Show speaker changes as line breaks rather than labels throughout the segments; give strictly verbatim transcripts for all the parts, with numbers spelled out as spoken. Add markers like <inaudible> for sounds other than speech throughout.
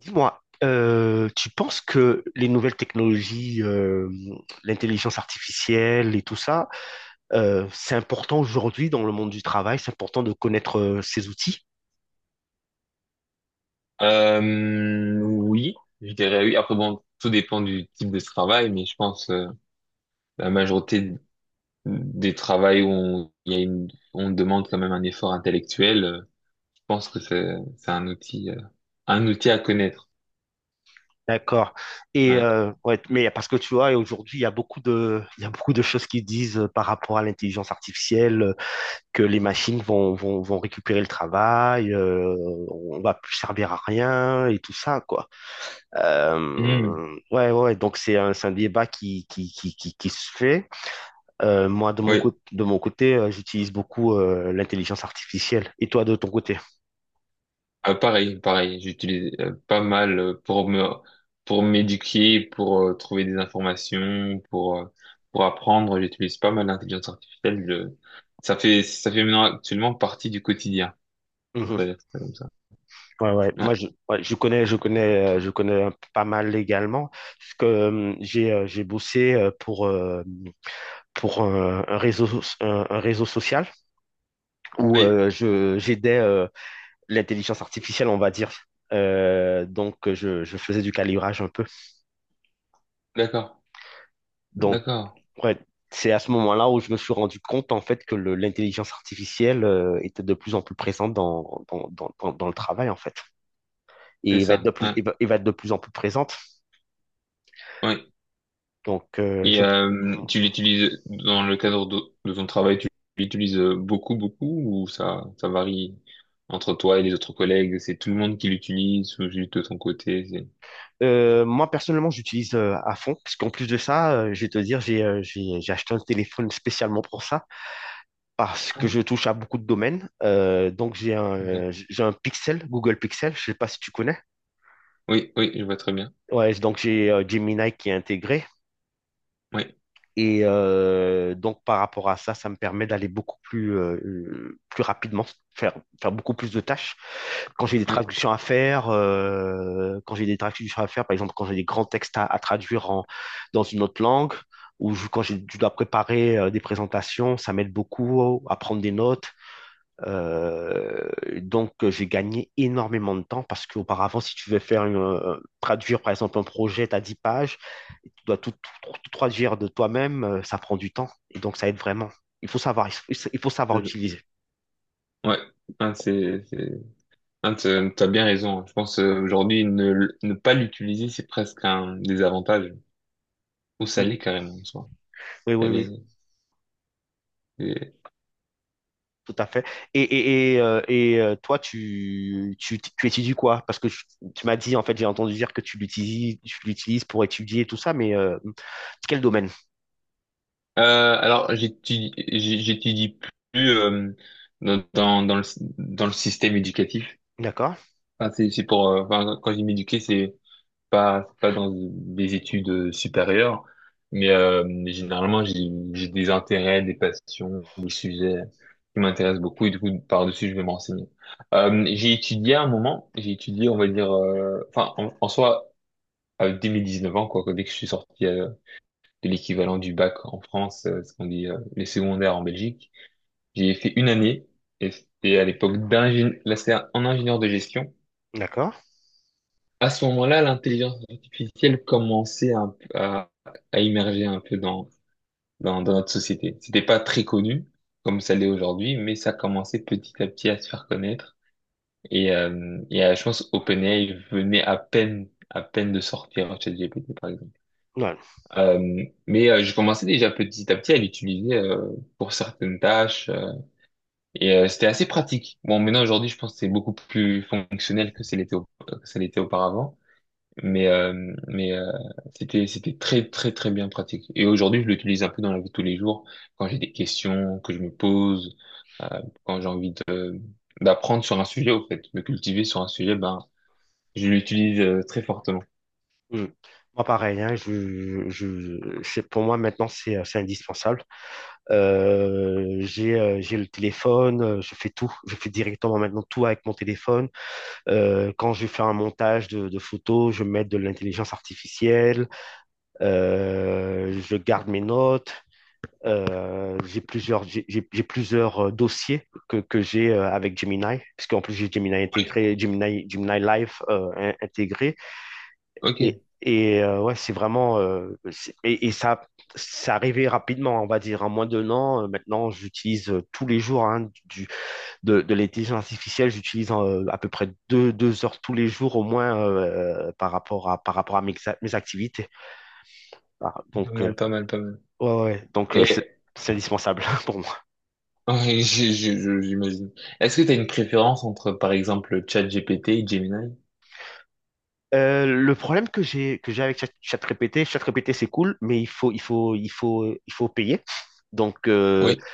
Dis-moi, euh, tu penses que les nouvelles technologies, euh, l'intelligence artificielle et tout ça, euh, c'est important aujourd'hui dans le monde du travail, c'est important de connaître euh, ces outils?
Euh, oui, je dirais oui. Après, bon, tout dépend du type de travail, mais je pense euh, la majorité des travails où on, il y a une, on demande quand même un effort intellectuel, euh, je pense que c'est c'est un outil, euh, un outil à connaître.
D'accord. Et
Hein.
euh, ouais, mais parce que tu vois, aujourd'hui, il y a beaucoup de, il y a beaucoup de choses qui disent euh, par rapport à l'intelligence artificielle. Que les machines vont, vont, vont récupérer le travail, euh, on va plus servir à rien et tout ça, quoi.
Hmm,
Euh, ouais, ouais, donc c'est un, c'est un débat qui, qui, qui, qui, qui se fait. Euh, moi, de mon,
oui.
cô- de mon côté, euh, j'utilise beaucoup euh, l'intelligence artificielle. Et toi, de ton côté?
Euh, pareil, pareil. J'utilise euh, pas mal euh, pour me pour m'éduquer, pour euh, trouver des informations, pour euh, pour apprendre. J'utilise pas mal l'intelligence artificielle. Je- ça fait ça fait maintenant actuellement partie du quotidien. On
Mhm.
peut dire ça comme ça.
Ouais, ouais.
Ouais.
Moi, je, ouais, je connais, je connais, euh, je connais un- pas mal légalement, parce que euh, j'ai, euh, j'ai bossé euh, pour, euh, pour un, un réseau, so- un, un réseau social où
Oui,
euh, je, j'aidais euh, l'intelligence artificielle, on va dire. Euh, donc, euh, je, je faisais du calibrage un peu.
d'accord,
Donc,
d'accord.
ouais, c'est à ce moment-là où je me suis rendu compte, en fait, que le- l'intelligence artificielle euh, était de plus en plus présente dans, dans, dans, dans, dans le travail, en fait. Et
C'est
il va être
ça.
de plus,
Ouais.
il va, il va être de plus en plus présente.
Oui.
Donc, euh,
Et
je...
euh, tu l'utilises dans le cadre de, de ton travail, tu l'utilises beaucoup, beaucoup, ou ça, ça varie entre toi et les autres collègues? C'est tout le monde qui l'utilise ou juste de ton côté? c'est-
Euh, moi, personnellement, j'utilise euh, à fond, parce qu'en plus de ça, euh, je vais te dire, j'ai euh, j'ai- j'ai acheté un téléphone spécialement pour ça, parce que
Ah,
je touche à beaucoup de domaines. Euh, donc, j'ai un,
d'accord.
euh, j'ai un Pixel, Google Pixel, je sais pas si tu connais.
Oui, oui, je vois très bien.
Ouais, donc j'ai euh, Gemini qui est intégré.
Oui,
Et euh, donc, par rapport à ça, ça me permet d'aller beaucoup plus, euh, plus rapidement, faire, faire beaucoup plus de tâches. Quand j'ai des
oui,
traductions à faire, euh, quand j'ai des traductions à faire, par exemple, quand j'ai des grands textes à, à traduire en, dans une autre langue, ou je- quand j'ai- je dois préparer euh, des présentations, ça m'aide beaucoup à prendre des notes, euh, donc, euh, j'ai gagné énormément de temps parce qu'auparavant, si tu veux faire une, euh, traduire par exemple un projet, t'as dix pages, et tu dois tout, tout- tout traduire de toi-même, euh, ça prend du temps et donc ça aide vraiment. Il faut savoir, il faut il faut savoir
c'est ça.
utiliser.
Ouais. Ah, c'est, c'est... Ah, t'as t'as bien raison. Je pense euh, aujourd'hui ne, l- ne pas l'utiliser, c'est presque un désavantage. Ou ça
Mm.
l'est carrément en soi.
Oui,
Ça
oui, oui,
l'est.
tout à fait. Et, et, et, euh, et, euh, toi, tu, tu, tu étudies quoi? Parce que tu, tu m'as dit, en fait, j'ai entendu dire que tu l'utilises, tu l'utilises pour étudier et tout ça, mais euh, quel domaine?
Euh, alors j'étudie j'ai- j'étudie plus euh, dans dans dans le dans le système éducatif.
D'accord,
Enfin, c'est c'est pour euh, enfin, quand je dis m'éduquer c'est pas c'est pas dans des études euh, supérieures, mais euh, généralement j'ai j'ai des intérêts, des passions, des sujets qui m'intéressent beaucoup et du coup par-dessus je vais m'enseigner. Euh, j'ai étudié à un moment, j'ai étudié on va dire euh, enfin en, en soi à dès mes dix-neuf ans quoi dès que je suis sorti euh, de l'équivalent du bac en France, euh, ce qu'on dit euh, les secondaires en Belgique. J'ai fait une année et c'était à l'époque d'ingénieur, là c'était en ingénieur de gestion.
d'accord.
À ce moment-là, l'intelligence artificielle commençait un- à, à immerger un peu dans, dans, dans notre société. C'était pas très connu comme ça l'est aujourd'hui, mais ça commençait petit à petit à se faire connaître. Et, euh, et euh, je pense OpenAI venait à peine, à peine de sortir ChatGPT, par exemple.
Ouais.
Euh, mais euh, je commençais déjà petit à petit à l'utiliser euh, pour certaines tâches euh, et euh, c'était assez pratique. Bon, maintenant aujourd'hui, je pense que c'est beaucoup plus fonctionnel que ça l'était au- que ça l'était auparavant, mais euh, mais euh, c'était c'était très très très bien pratique. Et aujourd'hui, je l'utilise un peu dans la vie de tous les jours quand j'ai des questions que je me pose, euh, quand j'ai envie de- d'apprendre sur un sujet au fait, me cultiver sur un sujet, ben je l'utilise euh, très fortement.
Mm. Moi, pareil, hein, je, je, c'est, pour moi, maintenant, c'est, euh, c'est indispensable. Euh, j'ai, euh, j'ai le téléphone, euh, je fais tout. Je fais directement maintenant tout avec mon téléphone. Euh, quand je fais un montage de, de photos, je mets de l'intelligence artificielle. Euh, je garde mes notes. Euh, j'ai plusieurs, j'ai j'ai- j'ai plusieurs euh, dossiers que, que j'ai euh, avec Gemini, puisqu'en plus j'ai Gemini
Oui.
intégré, Gemini, Gemini Live euh, in- intégré.
Ok,
Et, et euh, ouais, c'est vraiment. Euh, c'est- et, et ça, ça arrivé rapidement, on va dire. En moins d'un an, euh, maintenant, j'utilise euh, tous les jours hein, du, de, de l'intelligence artificielle. J'utilise euh, à peu près deux, deux heures tous les jours au moins euh, par rapport à, par rapport à mes, a- mes activités. Voilà.
pas
Donc, euh,
mal, pas mal, pas mal.
ouais, ouais. Donc euh, c'est
Et
c'est indispensable <laughs> pour moi.
oui, <laughs> j'ai- j'ai- je- j'imagine. Est-ce que tu as une préférence entre, par exemple, ChatGPT et Gemini?
Euh, le problème que j'ai que j'ai avec Chat- ChatGPT, ChatGPT c'est cool, mais il faut il faut il faut il faut payer. Donc euh,
Oui.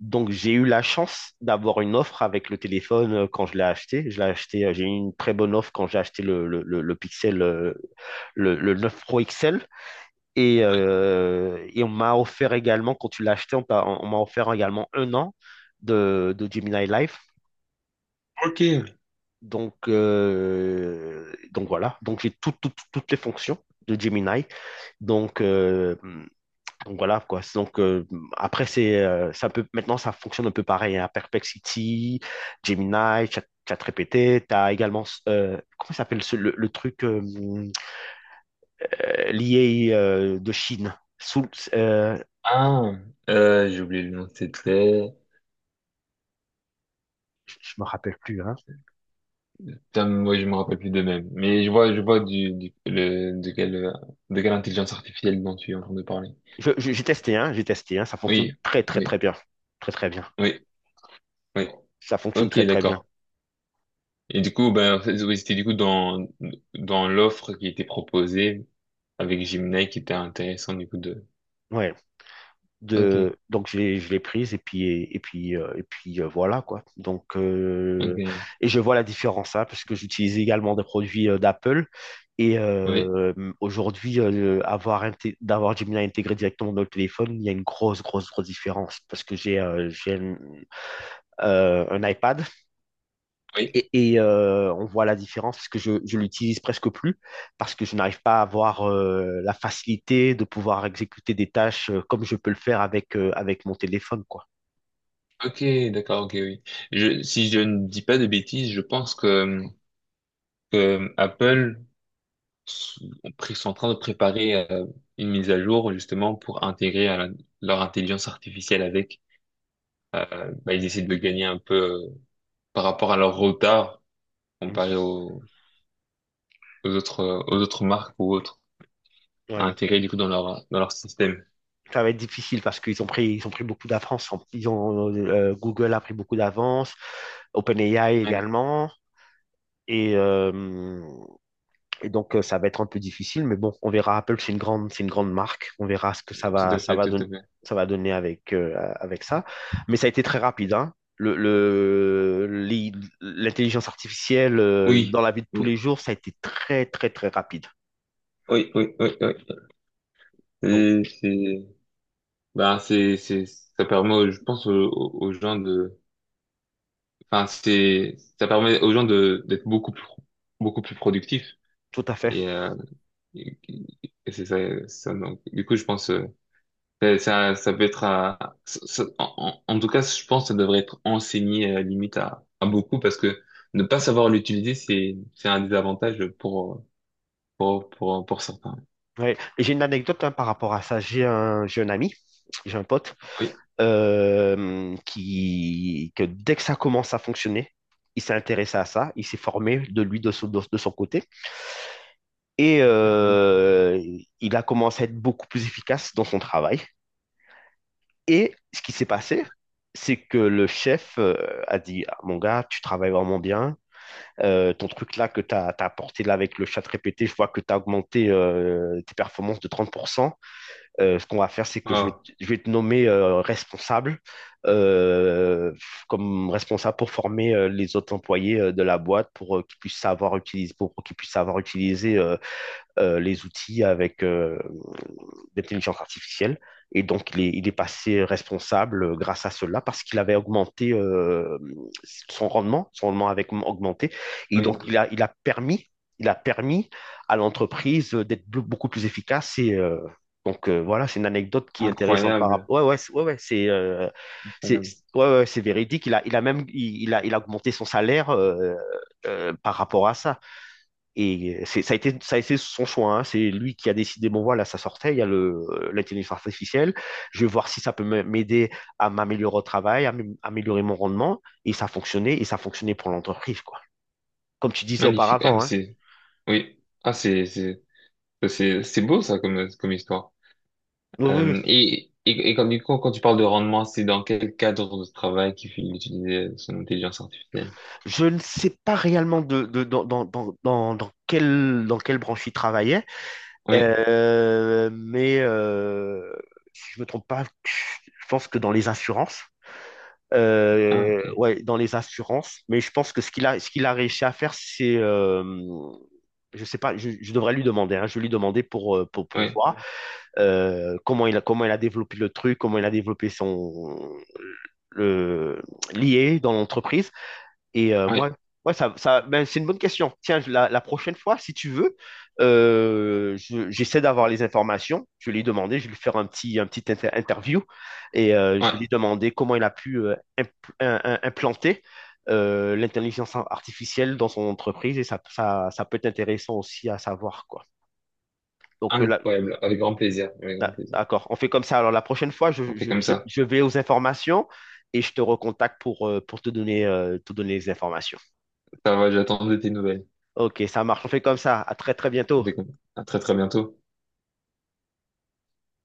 Donc, j'ai eu la chance d'avoir une offre avec le téléphone euh, quand je l'ai acheté. Je l'ai acheté, euh, j'ai eu une très bonne offre quand j'ai acheté le, le, le, le Pixel, euh, le, le neuf Pro X L. Et, euh, et on m'a offert également, quand tu l'as acheté, on, t'a- on m'a offert également un an de, de Gemini Life.
Ok.
Donc, euh, donc voilà. Donc, j'ai tout- tout- toutes les fonctions de Gemini. Donc, euh, Donc voilà quoi. Donc euh, après c'est euh, ça peut maintenant ça fonctionne un peu pareil à Perplexity, Gemini, Chat ChatGPT, tu as également euh, comment s'appelle ce- le, le truc euh, euh, lié euh, de Chine. Sous, euh,
Ah, euh, j'ai oublié le nom de cette lettre.
je je me rappelle plus hein.
Putain, moi, je me rappelle plus de même. Mais je vois, je vois du, du- le- de quelle, euh, de quelle intelligence artificielle dont tu es en train de parler.
Je- je- j'ai testé hein, j'ai testé hein, ça fonctionne
Oui,
très très
oui,
très bien. Très très bien.
oui, oui.
Ça fonctionne
Ok,
très très bien.
d'accord. Et du coup, ben, en fait, oui, c'était du coup dans, dans l'offre qui était proposée avec Gemini qui était intéressant du coup de.
Ouais.
Ok,
de Donc, je l'ai je l'ai prise et puis et, et puis euh, et puis euh, voilà quoi. Donc
ok,
euh,
hein.
et je vois la différence hein, parce que j'utilise également des produits euh, d'Apple et
Oui,
euh, aujourd'hui euh, avoir inté- d'avoir Gemini intégré directement dans le téléphone il y a une grosse grosse grosse différence parce que j'ai euh, j'ai un, euh, un iPad
oui.
et, et, euh, on voit la différence parce que je, je l'utilise presque plus, parce que je n'arrive pas à avoir euh, la facilité de pouvoir exécuter des tâches euh, comme je peux le faire avec, euh, avec mon téléphone, quoi.
Ok, d'accord, ok, oui. Je, si je ne dis pas de bêtises, je pense que, que Apple s- pr- sont en train de préparer euh, une mise à jour justement pour intégrer à la- leur intelligence artificielle avec. Euh, bah, ils essaient de gagner un peu euh, par rapport à leur retard
Mhm.
comparé aux, aux autres euh, aux autres marques ou autres à
Ouais,
intégrer du coup dans leur dans leur système.
ça va être difficile parce qu'ils ont pris, ils ont pris beaucoup d'avance. Ils ont, euh, Google a pris beaucoup d'avance, OpenAI
Ouais,
également. Et euh, et donc, euh, ça va être un peu difficile, mais bon, on verra. Apple, c'est une grande, c'est une grande marque. On verra ce que ça
tout
va,
à
ça
fait,
va
tout
donner,
à fait.
ça va donner avec, euh, avec ça. Mais ça a été très rapide, hein. Le, le- l'i- l'intelligence artificielle, euh,
Oui,
dans la vie de tous les
oui,
jours, ça a été très, très, très rapide.
oui, oui, oui, oui.
Donc,
C'est- c'est- Ben, c'est, c'est, ça permet, aux- je pense, aux, aux gens de, enfin, c'est, ça permet aux gens de, d'être beaucoup plus, beaucoup plus productifs.
tout à fait.
Et, euh, et- et c'est ça, ça, donc, du coup, je pense, euh, ça, ça ça peut être à, ça- ça- en, en en tout cas, je pense que ça devrait être enseigné, euh, limite à, à beaucoup parce que ne pas savoir l'utiliser, c'est, c'est un désavantage pour, pour, pour, pour certains.
Ouais. Et j'ai une anecdote hein, par rapport à ça. J'ai un, j'ai un ami, j'ai un pote,
Oui.
euh, qui, que dès que ça commence à fonctionner, il s'est intéressé à ça, il s'est formé de lui, de son, de, de son côté, et
Mhm.
euh, il a commencé à être beaucoup plus efficace dans son travail. Et ce qui s'est passé, c'est que le chef euh, a dit : « Ah, mon gars, tu travailles vraiment bien. Euh, ton truc là que tu as apporté là avec le chat répété, je vois que tu as augmenté euh, tes performances de trente pour cent. » Euh, ce qu'on va faire, c'est que je vais,
Wow.
te- je vais te nommer euh, responsable, euh, comme responsable pour former euh, les autres employés euh, de la boîte pour euh, qu'ils puissent savoir utiliser, pour, pour qu'ils puissent savoir utiliser euh, euh, les outils avec euh, l'intelligence artificielle. Et donc, il est, il est passé responsable euh, grâce à cela parce qu'il avait augmenté euh, son rendement, son rendement avait augmenté. Et
Oui.
donc, il a, il a permis, il a permis à l'entreprise d'être beaucoup plus efficace. Et euh, donc, euh, voilà, c'est une anecdote qui est intéressante par
Incroyable.
rapport. Ouais, ouais, c'est- ouais, ouais, c'est euh, c'est
Incroyable.
ouais, ouais, c'est véridique. Il a, il a même il, il a, Il a augmenté son salaire euh, euh, par rapport à ça. Et euh, c'est, ça a été, ça a été son choix, hein. C'est lui qui a décidé, bon voilà, ça sortait, il y a le, euh, l'intelligence artificielle. Je vais voir si ça peut m'aider à m'améliorer au travail, à m- améliorer mon rendement. Et ça fonctionnait, et ça fonctionnait pour l'entreprise, quoi. Comme tu disais
Magnifique. Ah, mais
auparavant, hein.
c'est, oui. Ah, c'est, c'est, C'est, c'est beau ça comme, comme histoire.
Oui, oui, oui.
Euh, et, et, et quand, du coup, quand tu parles de rendement, c'est dans quel cadre de travail qu'il faut utiliser son intelligence artificielle?
Je ne sais pas réellement de, de- dans, dans, dans, dans, dans quelle, dans quelle branche il travaillait,
Oui,
Euh, mais euh, si je me trompe pas, je pense que dans les assurances,
ah,
euh,
ok,
ouais, dans les assurances. Mais je pense que ce qu'il a, ce qu'il a réussi à faire, c'est, euh, je sais pas, je, je devrais lui demander. Hein, je vais lui demander pour, euh, pour, pour
oui,
voir euh, comment il a, comment il a développé le truc, comment il a développé son le lié dans l'entreprise. Et euh, moi,
oui,
ouais, ça, ça, ben, c'est une bonne question. Tiens, je- la, la prochaine fois, si tu veux, euh, je- j'essaie d'avoir les informations. Je vais lui demander, je vais lui faire un petit, un petit inter- interview et euh, je
ouais,
vais lui demander comment il a pu euh, impl- un- un- implanter euh, l'intelligence artificielle dans son entreprise et ça, ça, ça peut être intéressant aussi à savoir, quoi. Donc, euh, là,
incroyable, avec grand plaisir, avec grand
là,
plaisir.
d'accord, on fait comme ça. Alors, la prochaine fois,
On
je,
fait
je,
comme
je,
ça.
je vais aux informations et je te recontacte pour, euh, pour te donner, euh, te donner les informations.
Ça va, j'attends de tes nouvelles.
Ok, ça marche. On fait comme ça. À très très
On
bientôt.
fait comme ça. À très très bientôt.